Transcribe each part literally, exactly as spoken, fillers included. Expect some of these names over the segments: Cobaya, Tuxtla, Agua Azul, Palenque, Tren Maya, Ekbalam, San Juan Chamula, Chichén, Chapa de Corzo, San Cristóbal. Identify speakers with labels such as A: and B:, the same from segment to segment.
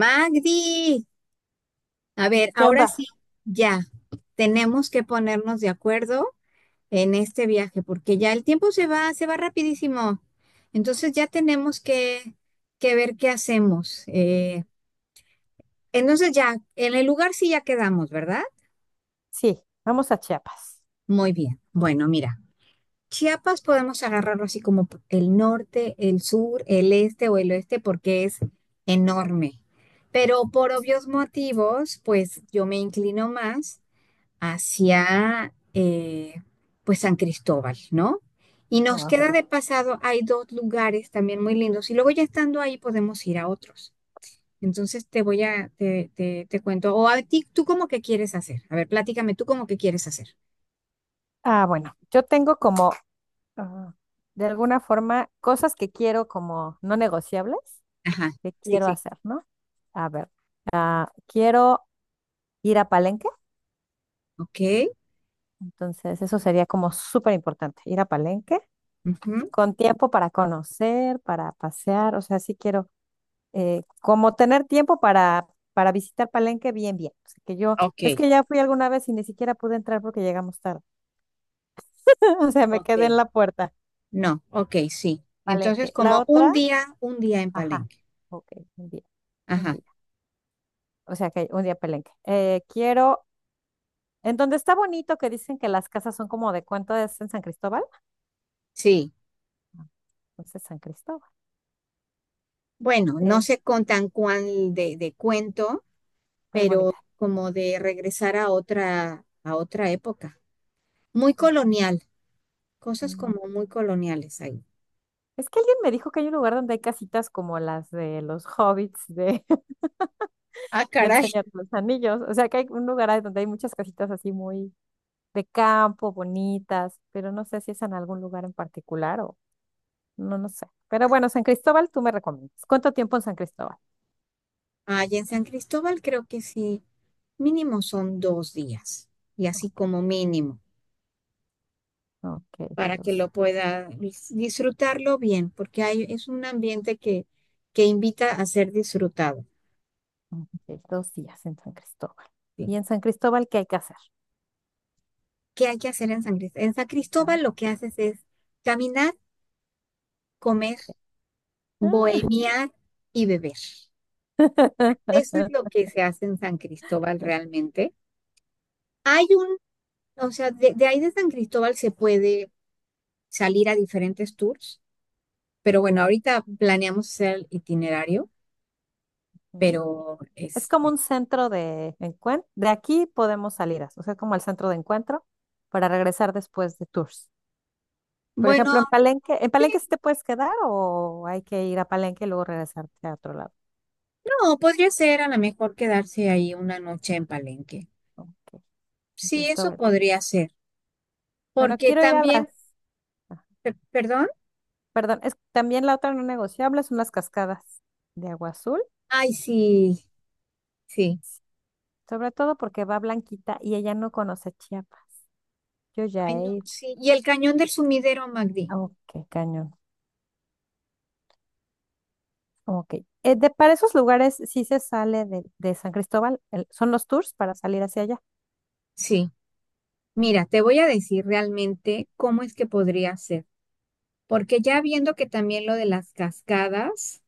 A: Magdi, a ver,
B: ¿Qué
A: ahora
B: onda?
A: sí, ya, tenemos que ponernos de acuerdo en este viaje, porque ya el tiempo se va, se va rapidísimo. Entonces ya, tenemos que, que ver qué hacemos. Eh, entonces ya, en el lugar sí ya quedamos, ¿verdad?
B: Sí, vamos a Chiapas.
A: Muy bien. Bueno, mira, Chiapas podemos agarrarlo así como p- el norte, el sur, el este o el oeste, porque es enorme. Pero por obvios motivos, pues yo me inclino más hacia eh, pues San Cristóbal, ¿no? Y nos
B: Wow.
A: queda de pasado, hay dos lugares también muy lindos y luego ya estando ahí podemos ir a otros. Entonces te voy a, te, te, te cuento, o a ti, ¿tú cómo que quieres hacer? A ver, platícame, ¿tú cómo que quieres hacer?
B: Ah, bueno, yo tengo como, ah, de alguna forma, cosas que quiero como no negociables,
A: Ajá,
B: que
A: sí,
B: quiero
A: sí.
B: hacer, ¿no? A ver, quiero ir a Palenque,
A: Ok,
B: entonces eso sería como súper importante, ir a Palenque
A: ujú,
B: con tiempo para conocer, para pasear, o sea, sí quiero, eh, como tener tiempo para, para visitar Palenque bien, bien. O sea, que yo,
A: ok,
B: es que ya fui alguna vez y ni siquiera pude entrar porque llegamos tarde, o sea, me quedé
A: ok.
B: en la puerta.
A: No, ok, sí. Entonces,
B: Palenque. La
A: como un
B: otra,
A: día, un día en
B: ajá,
A: Palenque.
B: ok, un día, un
A: Ajá,
B: día. O sea que un día Palenque. Eh, quiero, en donde está bonito que dicen que las casas son como de cuánto es en San Cristóbal.
A: sí.
B: Ah, Entonces San Cristóbal,
A: Bueno, no
B: eh,
A: sé con tan cuál de, de cuento,
B: súper
A: pero
B: bonita.
A: como de regresar a otra, a otra época. Muy colonial, cosas
B: Mm.
A: como muy coloniales ahí.
B: Es que alguien me dijo que hay un lugar donde hay casitas como las de los hobbits de,
A: Ah,
B: del
A: caray.
B: Señor de los Anillos. O sea que hay un lugar ahí donde hay muchas casitas así muy de campo, bonitas, pero no sé si es en algún lugar en particular o no, no sé. Pero bueno, San Cristóbal, tú me recomiendas. ¿Cuánto tiempo en San Cristóbal?
A: Allá en San Cristóbal creo que sí, mínimo son dos días, y
B: Oh,
A: así como mínimo,
B: ok,
A: para que
B: dos,
A: lo pueda dis- disfrutarlo bien, porque hay, es un ambiente que, que invita a ser disfrutado.
B: ok, dos días en San Cristóbal.
A: ¿Sí?
B: ¿Y en San Cristóbal qué hay que hacer?
A: ¿Qué hay que hacer en San Cristóbal? En San
B: Ah.
A: Cristóbal lo que haces es caminar, comer, bohemiar y beber. Eso es
B: Mm.
A: lo que se hace en San Cristóbal realmente. Hay un, o sea, de, de ahí de San Cristóbal se puede salir a diferentes tours, pero bueno, ahorita planeamos hacer el itinerario, pero
B: Es como
A: este,
B: un centro de encuentro. De aquí podemos salir, o sea, como el centro de encuentro para regresar después de tours. Por
A: bueno,
B: ejemplo, en Palenque, ¿en Palenque sí te puedes quedar o hay que ir a Palenque y luego regresarte a otro lado?
A: no, podría ser a lo mejor quedarse ahí una noche en Palenque.
B: Ok, San
A: Sí, eso
B: Cristóbal.
A: podría ser,
B: Bueno,
A: porque
B: quiero ir a las...
A: también, per- perdón,
B: Perdón, es, también la otra no negociable son las cascadas de agua azul,
A: ay, sí, sí,
B: sobre todo porque va Blanquita y ella no conoce Chiapas. Yo ya
A: ay,
B: he
A: no,
B: ido.
A: sí. Y el cañón del sumidero, Magdi,
B: Ok, cañón. Ok. Eh, de- para esos lugares sí se sale de, de San Cristóbal, el- son los tours para salir hacia allá.
A: sí. Mira, te voy a decir realmente cómo es que podría ser. Porque ya viendo que también lo de las cascadas,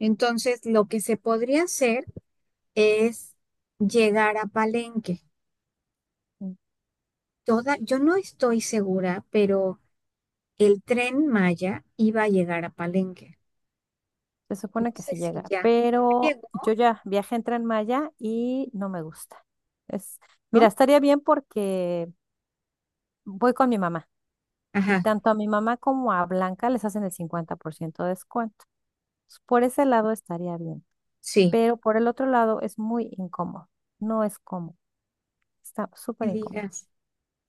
A: entonces lo que se podría hacer es llegar a Palenque. Toda, yo no estoy segura, pero el tren Maya iba a llegar a Palenque.
B: Se
A: No
B: supone que
A: sé
B: sí
A: si
B: llega,
A: ya
B: pero
A: llegó,
B: yo ya viajé en Tren Maya y no me gusta. Es, mira,
A: ¿no?
B: estaría bien porque voy con mi mamá y
A: Ajá,
B: tanto a mi mamá como a Blanca les hacen el cincuenta por ciento de descuento. Entonces, por ese lado estaría bien,
A: sí,
B: pero por el otro lado es muy incómodo. No es cómodo, está súper
A: me
B: incómodo.
A: digas.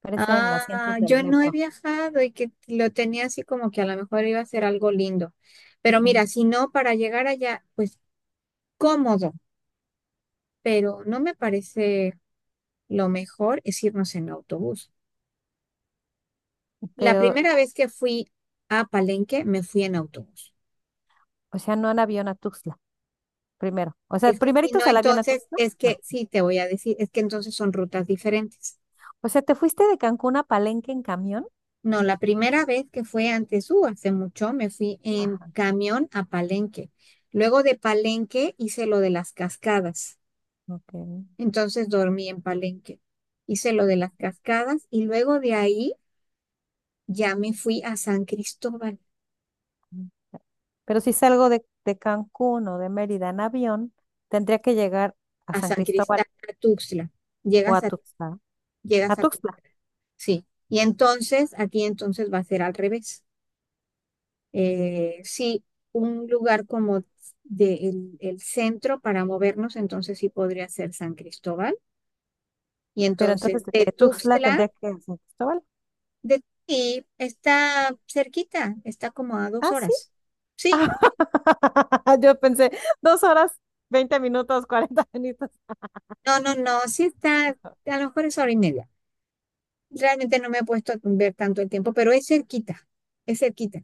B: Parecen
A: Ah,
B: asientos del
A: yo no he
B: metro.
A: viajado y que lo tenía así como que a lo mejor iba a ser algo lindo. Pero
B: Mm,
A: mira, si no, para llegar allá, pues cómodo, pero no me parece. Lo mejor es irnos en autobús.
B: mm,
A: La
B: Pero,
A: primera vez que fui a Palenque, me fui en autobús.
B: o sea, no en avión a Tuxtla, primero. O sea,
A: Es que si no,
B: primeritos al avión a
A: entonces,
B: Tuxtla,
A: es que
B: no.
A: sí, te voy a decir, es que entonces son rutas diferentes.
B: O sea, te fuiste de Cancún a Palenque en camión.
A: No, la primera vez que fue antes, uh, hace mucho, me fui en camión a Palenque. Luego de Palenque hice lo de las cascadas.
B: Ok. Ujú.
A: Entonces dormí en Palenque. Hice lo de las cascadas y luego de ahí ya me fui a San Cristóbal,
B: Pero si salgo de, de Cancún o de Mérida en avión, tendría que llegar a
A: a
B: San
A: San
B: Cristóbal
A: Cristóbal, a Tuxtla.
B: o a
A: Llegas a,
B: Tuxtla. A
A: llegas a.
B: Tuxtla.
A: Sí, y entonces aquí entonces va a ser al revés.
B: Mm.
A: Eh, sí, un lugar como de el, el centro para movernos, entonces sí podría ser San Cristóbal. Y
B: Pero
A: entonces
B: entonces de
A: de
B: Tuxtla
A: Tuxtla,
B: tendría que ir a San Cristóbal.
A: de ti está cerquita, está como a dos
B: Ah, sí.
A: horas. Sí,
B: Yo pensé, dos horas, veinte minutos, cuarenta minutos.
A: no, no, no, sí está, a lo mejor es hora y media. Realmente no me he puesto a ver tanto el tiempo, pero es cerquita, es cerquita.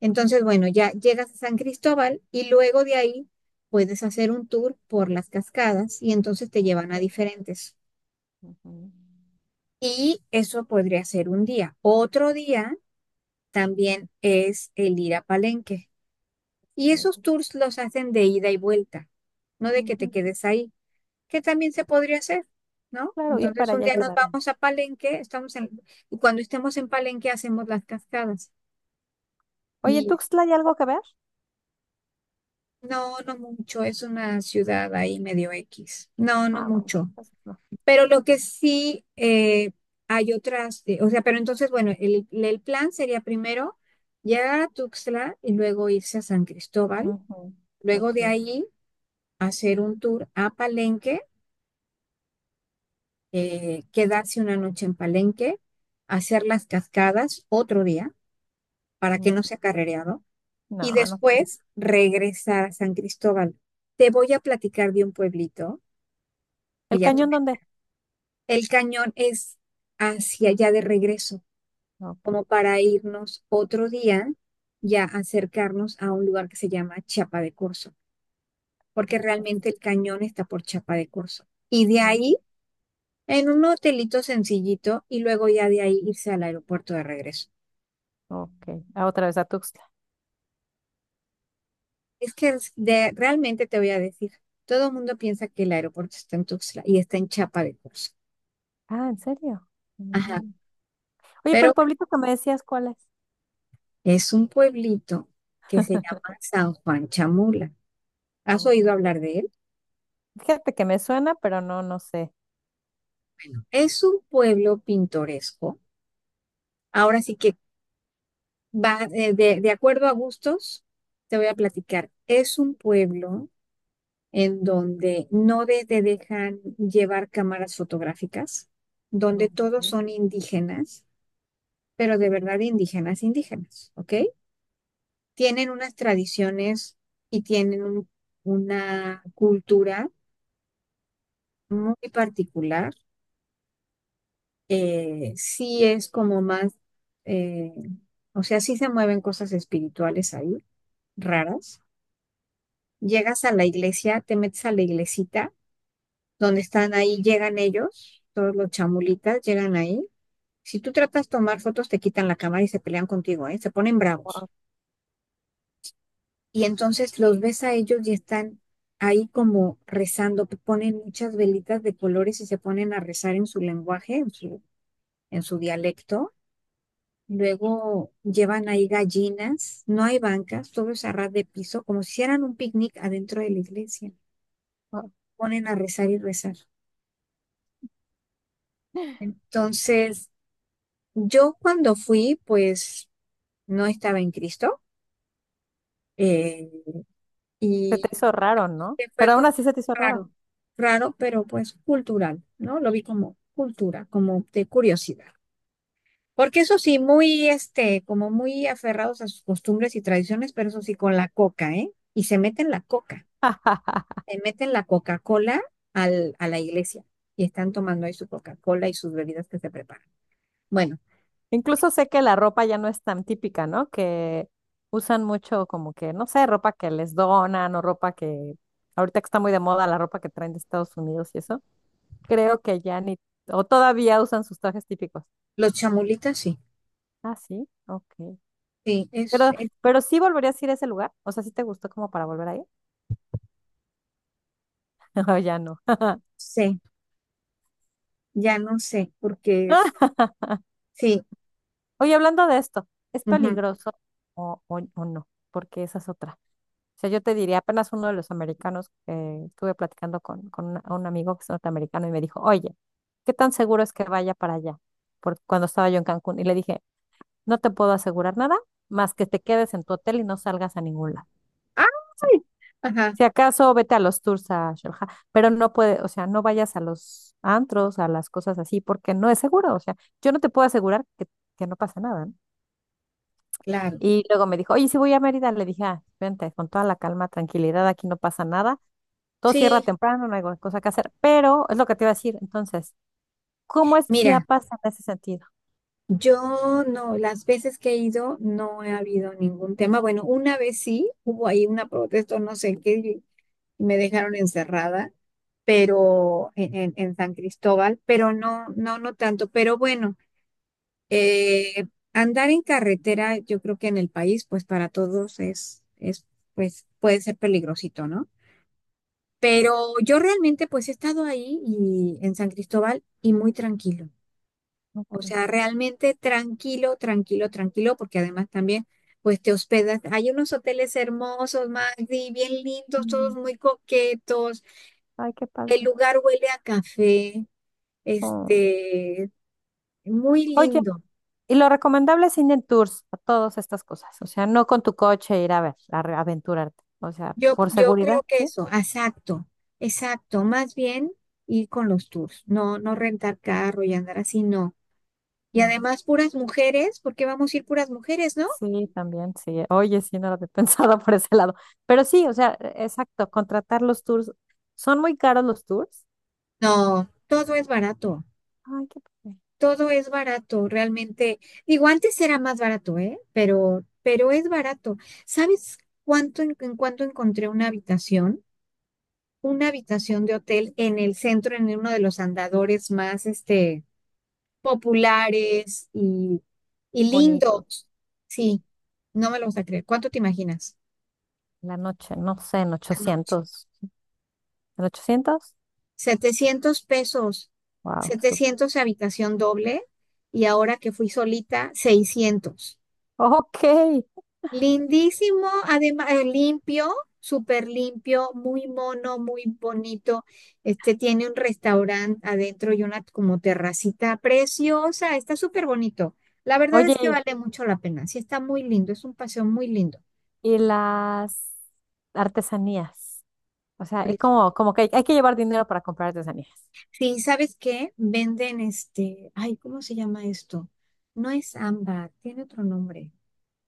A: Entonces, bueno, ya llegas a San Cristóbal y luego de ahí puedes hacer un tour por las cascadas y entonces te llevan
B: Ok,
A: a diferentes.
B: ujú,
A: Y eso podría ser un día. Otro día también es el ir a Palenque. Y
B: ok,
A: esos tours los hacen de ida y vuelta, no de que te
B: ujú.
A: quedes ahí, que también se podría hacer, ¿no?
B: Claro, ir
A: Entonces
B: para
A: un
B: allá y
A: día nos
B: quedarme.
A: vamos a Palenque, estamos en, y cuando estemos en Palenque hacemos las cascadas.
B: Oye, ¿en
A: Y
B: Tuxtla hay algo que ver?
A: no, no mucho, es una ciudad ahí medio X. No, no
B: Ah, bueno,
A: mucho.
B: entonces no.
A: Pero lo que sí eh, hay otras, eh, o sea, pero entonces, bueno, el, el plan sería primero llegar a Tuxtla y luego irse a San Cristóbal,
B: Ujú,
A: luego de
B: ok,
A: ahí hacer un tour a Palenque, eh, quedarse una noche en Palenque, hacer las cascadas otro día para que no
B: ujú.
A: sea carrereado y
B: No, no quiero.
A: después regresar a San Cristóbal. Te voy a platicar de un pueblito y
B: ¿El
A: ya tú.
B: cañón dónde?
A: El cañón es hacia allá de regreso,
B: Ok.
A: como para irnos otro día, ya acercarnos a un lugar que se llama Chapa de Corzo, porque
B: es-
A: realmente el cañón está por Chapa de Corzo. Y de
B: mm,
A: ahí, en un hotelito sencillito, y luego ya de ahí irse al aeropuerto de regreso.
B: Ok. Ah, otra vez a Tuxtla.
A: Es que es de- realmente te voy a decir, todo el mundo piensa que el aeropuerto está en Tuxtla y está en Chapa de Corzo.
B: Ah, ¿en serio?
A: Ajá,
B: Mm. Oye, pero
A: pero
B: el
A: bueno,
B: pueblito que me decías, ¿cuál es?
A: es un pueblito que se llama San Juan Chamula. ¿Has
B: Ok.
A: oído hablar de él?
B: Fíjate que me suena, pero no, no sé.
A: Es un pueblo pintoresco. Ahora sí que va eh, de, de acuerdo a gustos, te voy a platicar. Es un pueblo en donde no de- te dejan llevar cámaras fotográficas, donde
B: Ok.
A: todos son indígenas, pero de verdad indígenas, indígenas, ¿ok? Tienen unas tradiciones y tienen un- una cultura muy particular, eh, sí es como más, eh, o sea, sí se mueven cosas espirituales ahí, raras. Llegas a la iglesia, te metes a la iglesita, donde están ahí, llegan ellos, todos los chamulitas llegan ahí. Si tú tratas de tomar fotos, te quitan la cámara y se pelean contigo, ¿eh? Se ponen bravos. Y entonces los ves a ellos y están ahí como rezando, p- ponen muchas velitas de colores y se ponen a rezar en su lenguaje, en su, en su dialecto. Luego llevan ahí gallinas, no hay bancas, todo es a ras de piso, como si hicieran un picnic adentro de la iglesia.
B: Ah,
A: Ponen a rezar y rezar. Entonces, yo cuando fui, pues no estaba en Cristo, eh,
B: se te
A: y
B: hizo raro, ¿no?
A: que fue
B: Pero aún
A: como
B: así se te hizo raro.
A: raro, raro, pero pues cultural, ¿no? Lo vi como cultura, como de curiosidad. Porque eso sí, muy, este, como muy aferrados a sus costumbres y tradiciones, pero eso sí, con la coca, ¿eh? Y se meten la coca. Le meten la Coca-Cola al- a la iglesia y están tomando ahí su Coca-Cola y sus bebidas que se preparan. Bueno,
B: Incluso sé que la ropa ya no es tan típica, ¿no? Que usan mucho como que, no sé, ropa que les donan o ropa que ahorita que está muy de moda la ropa que traen de Estados Unidos y eso. Creo que ya ni, o todavía usan sus trajes típicos.
A: los chamulitas sí,
B: Ah, sí, ok.
A: sí, es,
B: Pero,
A: es-
B: pero sí volverías a ir a ese lugar. O sea, ¿sí te gustó como para volver ahí? O ya no.
A: sé, ya no sé, porque es, sí,
B: Oye, hablando de esto, ¿es
A: ujú.
B: peligroso o, o- o no? Porque esa es otra. O sea, yo te diría, apenas uno de los americanos que estuve platicando con, con, una- un amigo que es norteamericano y me dijo, oye, ¿qué tan seguro es que vaya para allá? Porque cuando estaba yo en Cancún y le dije, no te puedo asegurar nada más que te quedes en tu hotel y no salgas a ningún lado.
A: ¡Ay! Ajá,
B: Si acaso vete a los tours a Sharjah, pero no puede, o sea, no vayas a los antros, a las cosas así, porque no es seguro. O sea, yo no te puedo asegurar que, que no pasa nada, ¿no?
A: claro,
B: Y luego me dijo, oye, si voy a Mérida, le dije, ah, vente, con toda la calma, tranquilidad, aquí no pasa nada, todo cierra
A: sí,
B: temprano, no hay cosa que hacer, pero es lo que te iba a decir, entonces, ¿cómo es
A: mira,
B: Chiapas en ese sentido?
A: yo no, las veces que he ido no ha habido ningún tema, bueno, una vez sí, hubo ahí una protesta, no sé qué, y me dejaron encerrada, pero en, en en San Cristóbal, pero no, no, no tanto, pero bueno. Eh, Andar en carretera, yo creo que en el país, pues para todos es, es, pues puede ser peligrosito, ¿no? Pero yo realmente, pues he estado ahí y en San Cristóbal y muy tranquilo. O
B: Ok.
A: sea, realmente tranquilo, tranquilo, tranquilo, porque además también, pues te hospedas. Hay unos hoteles hermosos, Magdi, bien lindos, todos
B: Mm.
A: muy coquetos.
B: Ay, qué padre.
A: El lugar huele a café,
B: Oh.
A: este, muy
B: Oye,
A: lindo.
B: y lo recomendable es ir en tours a todas estas cosas. O sea, no con tu coche ir a ver, a re- aventurarte. O sea,
A: Yo,
B: por
A: yo
B: seguridad,
A: creo que
B: ¿sí?
A: eso, exacto, exacto, más bien ir con los tours, no, no rentar carro y andar así, no. Y
B: No.
A: además puras mujeres, ¿por qué vamos a ir puras mujeres, no?
B: Sí, también, sí. Oye, sí, no lo había pensado por ese lado. Pero sí, o sea, e- exacto, contratar los tours. ¿Son muy caros los tours?
A: No, todo es barato,
B: Ay, qué padre.
A: todo es barato, realmente. Digo, antes era más barato, ¿eh? Pero, pero es barato. ¿Sabes cuánto en, en cuánto encontré una habitación? Una habitación de hotel en el centro, en uno de los andadores más, este, populares y, y
B: Bonito.
A: lindos. Sí, no me lo vas a creer. ¿Cuánto te imaginas?
B: La noche, no sé, en
A: La noche.
B: ochocientos. ¿En ochocientos?
A: setecientos pesos,
B: Wow, súper.
A: setecientos habitación doble y ahora que fui solita, seiscientos.
B: Ok.
A: Lindísimo, además limpio, súper limpio, muy mono, muy bonito. Este tiene un restaurante adentro y una como terracita preciosa, está súper bonito. La verdad es que
B: Oye,
A: vale mucho la pena. Sí, está muy lindo, es un paseo muy lindo.
B: y las artesanías. O sea, es
A: Precio.
B: como, como que hay, hay que llevar dinero para comprar artesanías.
A: Sí, ¿sabes qué? Venden este, ay, ¿cómo se llama esto? No es ámbar, tiene otro nombre,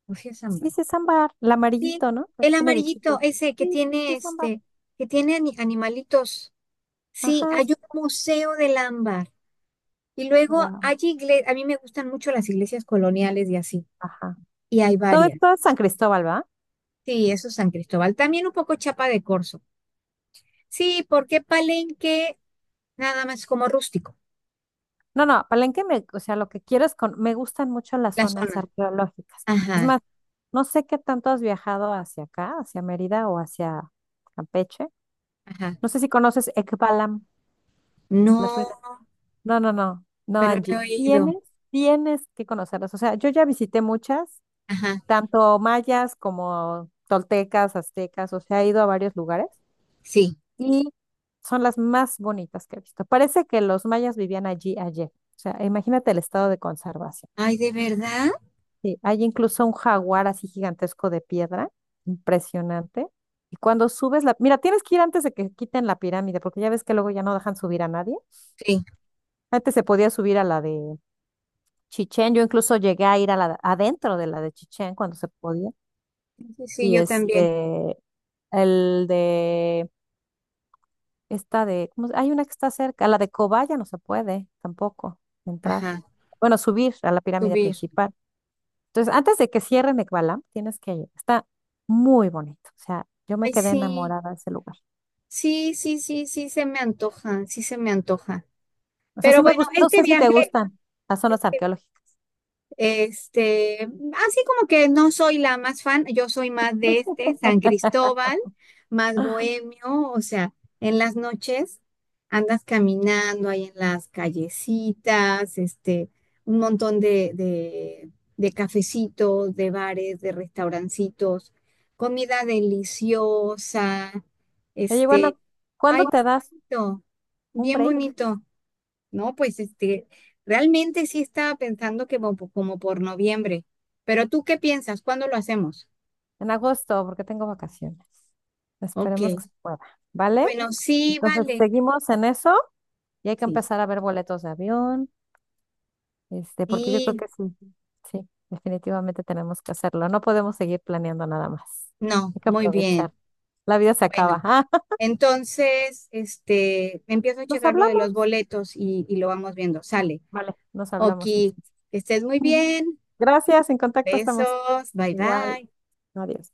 A: o si es
B: Sí,
A: ámbar.
B: sí es ámbar, el
A: Sí,
B: amarillito, ¿no? Que
A: el
B: tiene
A: amarillito,
B: bichitos.
A: ese que
B: Sí, sí
A: tiene
B: es ámbar.
A: este, que tiene ani- animalitos. Sí,
B: Ajá,
A: hay
B: sí.
A: un museo del ámbar. Y luego
B: Guau,
A: hay iglesias, a mí me gustan mucho las iglesias coloniales y así,
B: ajá.
A: y hay
B: Todo
A: varias.
B: esto es San Cristóbal, ¿va?
A: Sí, eso es San Cristóbal. También un poco Chapa de Corzo. Sí, porque Palenque nada más como rústico,
B: No, no, Palenque, me, o sea, lo que quiero es con, me gustan mucho las
A: la
B: zonas
A: zona.
B: arqueológicas. Es
A: Ajá,
B: más, no sé qué tanto has viajado hacia acá, hacia Mérida o hacia Campeche.
A: ajá.
B: No sé si conoces Ekbalam, las ruinas.
A: No,
B: No, no, no, no,
A: pero no
B: Angie.
A: he
B: Tienes,
A: ido.
B: tienes que conocerlas. O sea, yo ya visité muchas
A: Ajá,
B: tanto mayas como toltecas, aztecas, o sea, he ido a varios lugares
A: sí.
B: y son las más bonitas que he visto. Parece que los mayas vivían allí ayer. O sea, imagínate el estado de conservación.
A: Ay, ¿de verdad?
B: Sí, hay incluso un jaguar así gigantesco de piedra, impresionante. Y cuando subes la... Mira, tienes que ir antes de que quiten la pirámide, porque ya ves que luego ya no dejan subir a nadie.
A: Sí,
B: Antes se podía subir a la de Chichén. Yo incluso llegué a ir a la, adentro de la de Chichén cuando se podía.
A: sí, sí,
B: Y
A: yo también.
B: este, El de esta de, ¿cómo se- hay una que está cerca, la de Cobaya no se puede tampoco entrar.
A: Ajá,
B: Bueno, subir a la pirámide
A: subir.
B: principal. Entonces, antes de que cierren Ekbalam, tienes que ir. Está muy bonito. O sea, yo me
A: Ay,
B: quedé
A: sí,
B: enamorada de ese lugar.
A: sí, sí, sí, sí, se me antoja, sí se me antoja.
B: O sea, sí
A: Pero
B: me
A: bueno,
B: gusta, no
A: este
B: sé si te
A: viaje,
B: gustan las zonas arqueológicas.
A: este, así como que no soy la más fan, yo soy más de este, San Cristóbal, más bohemio, o sea, en las noches andas caminando ahí en las callecitas, este, un montón de, de, de cafecitos, de bares, de restaurancitos, comida deliciosa,
B: Oye,
A: este,
B: bueno,
A: ay,
B: ¿cuándo te das
A: bonito,
B: un
A: bien
B: break?
A: bonito. No, pues este, realmente sí estaba pensando que como, como por noviembre. ¿Pero tú qué piensas? ¿Cuándo lo hacemos?
B: En agosto, porque tengo vacaciones.
A: Ok.
B: Esperemos que se pueda, ¿vale?
A: Bueno, sí,
B: Entonces,
A: vale.
B: seguimos en eso y hay que
A: Sí.
B: empezar a ver boletos de avión. Este, porque yo creo
A: Sí,
B: que sí, sí, definitivamente tenemos que hacerlo. No podemos seguir planeando nada más.
A: no,
B: Hay que
A: muy
B: aprovechar.
A: bien.
B: La vida se
A: Bueno,
B: acaba.
A: entonces, este,
B: Ah,
A: empiezo a
B: nos
A: checar lo de
B: hablamos.
A: los boletos y, y lo vamos viendo. Sale.
B: Vale, nos
A: Ok,
B: hablamos
A: que
B: entonces.
A: estés muy bien.
B: Gracias, en contacto estamos.
A: Besos. Bye
B: Igual,
A: bye.
B: adiós.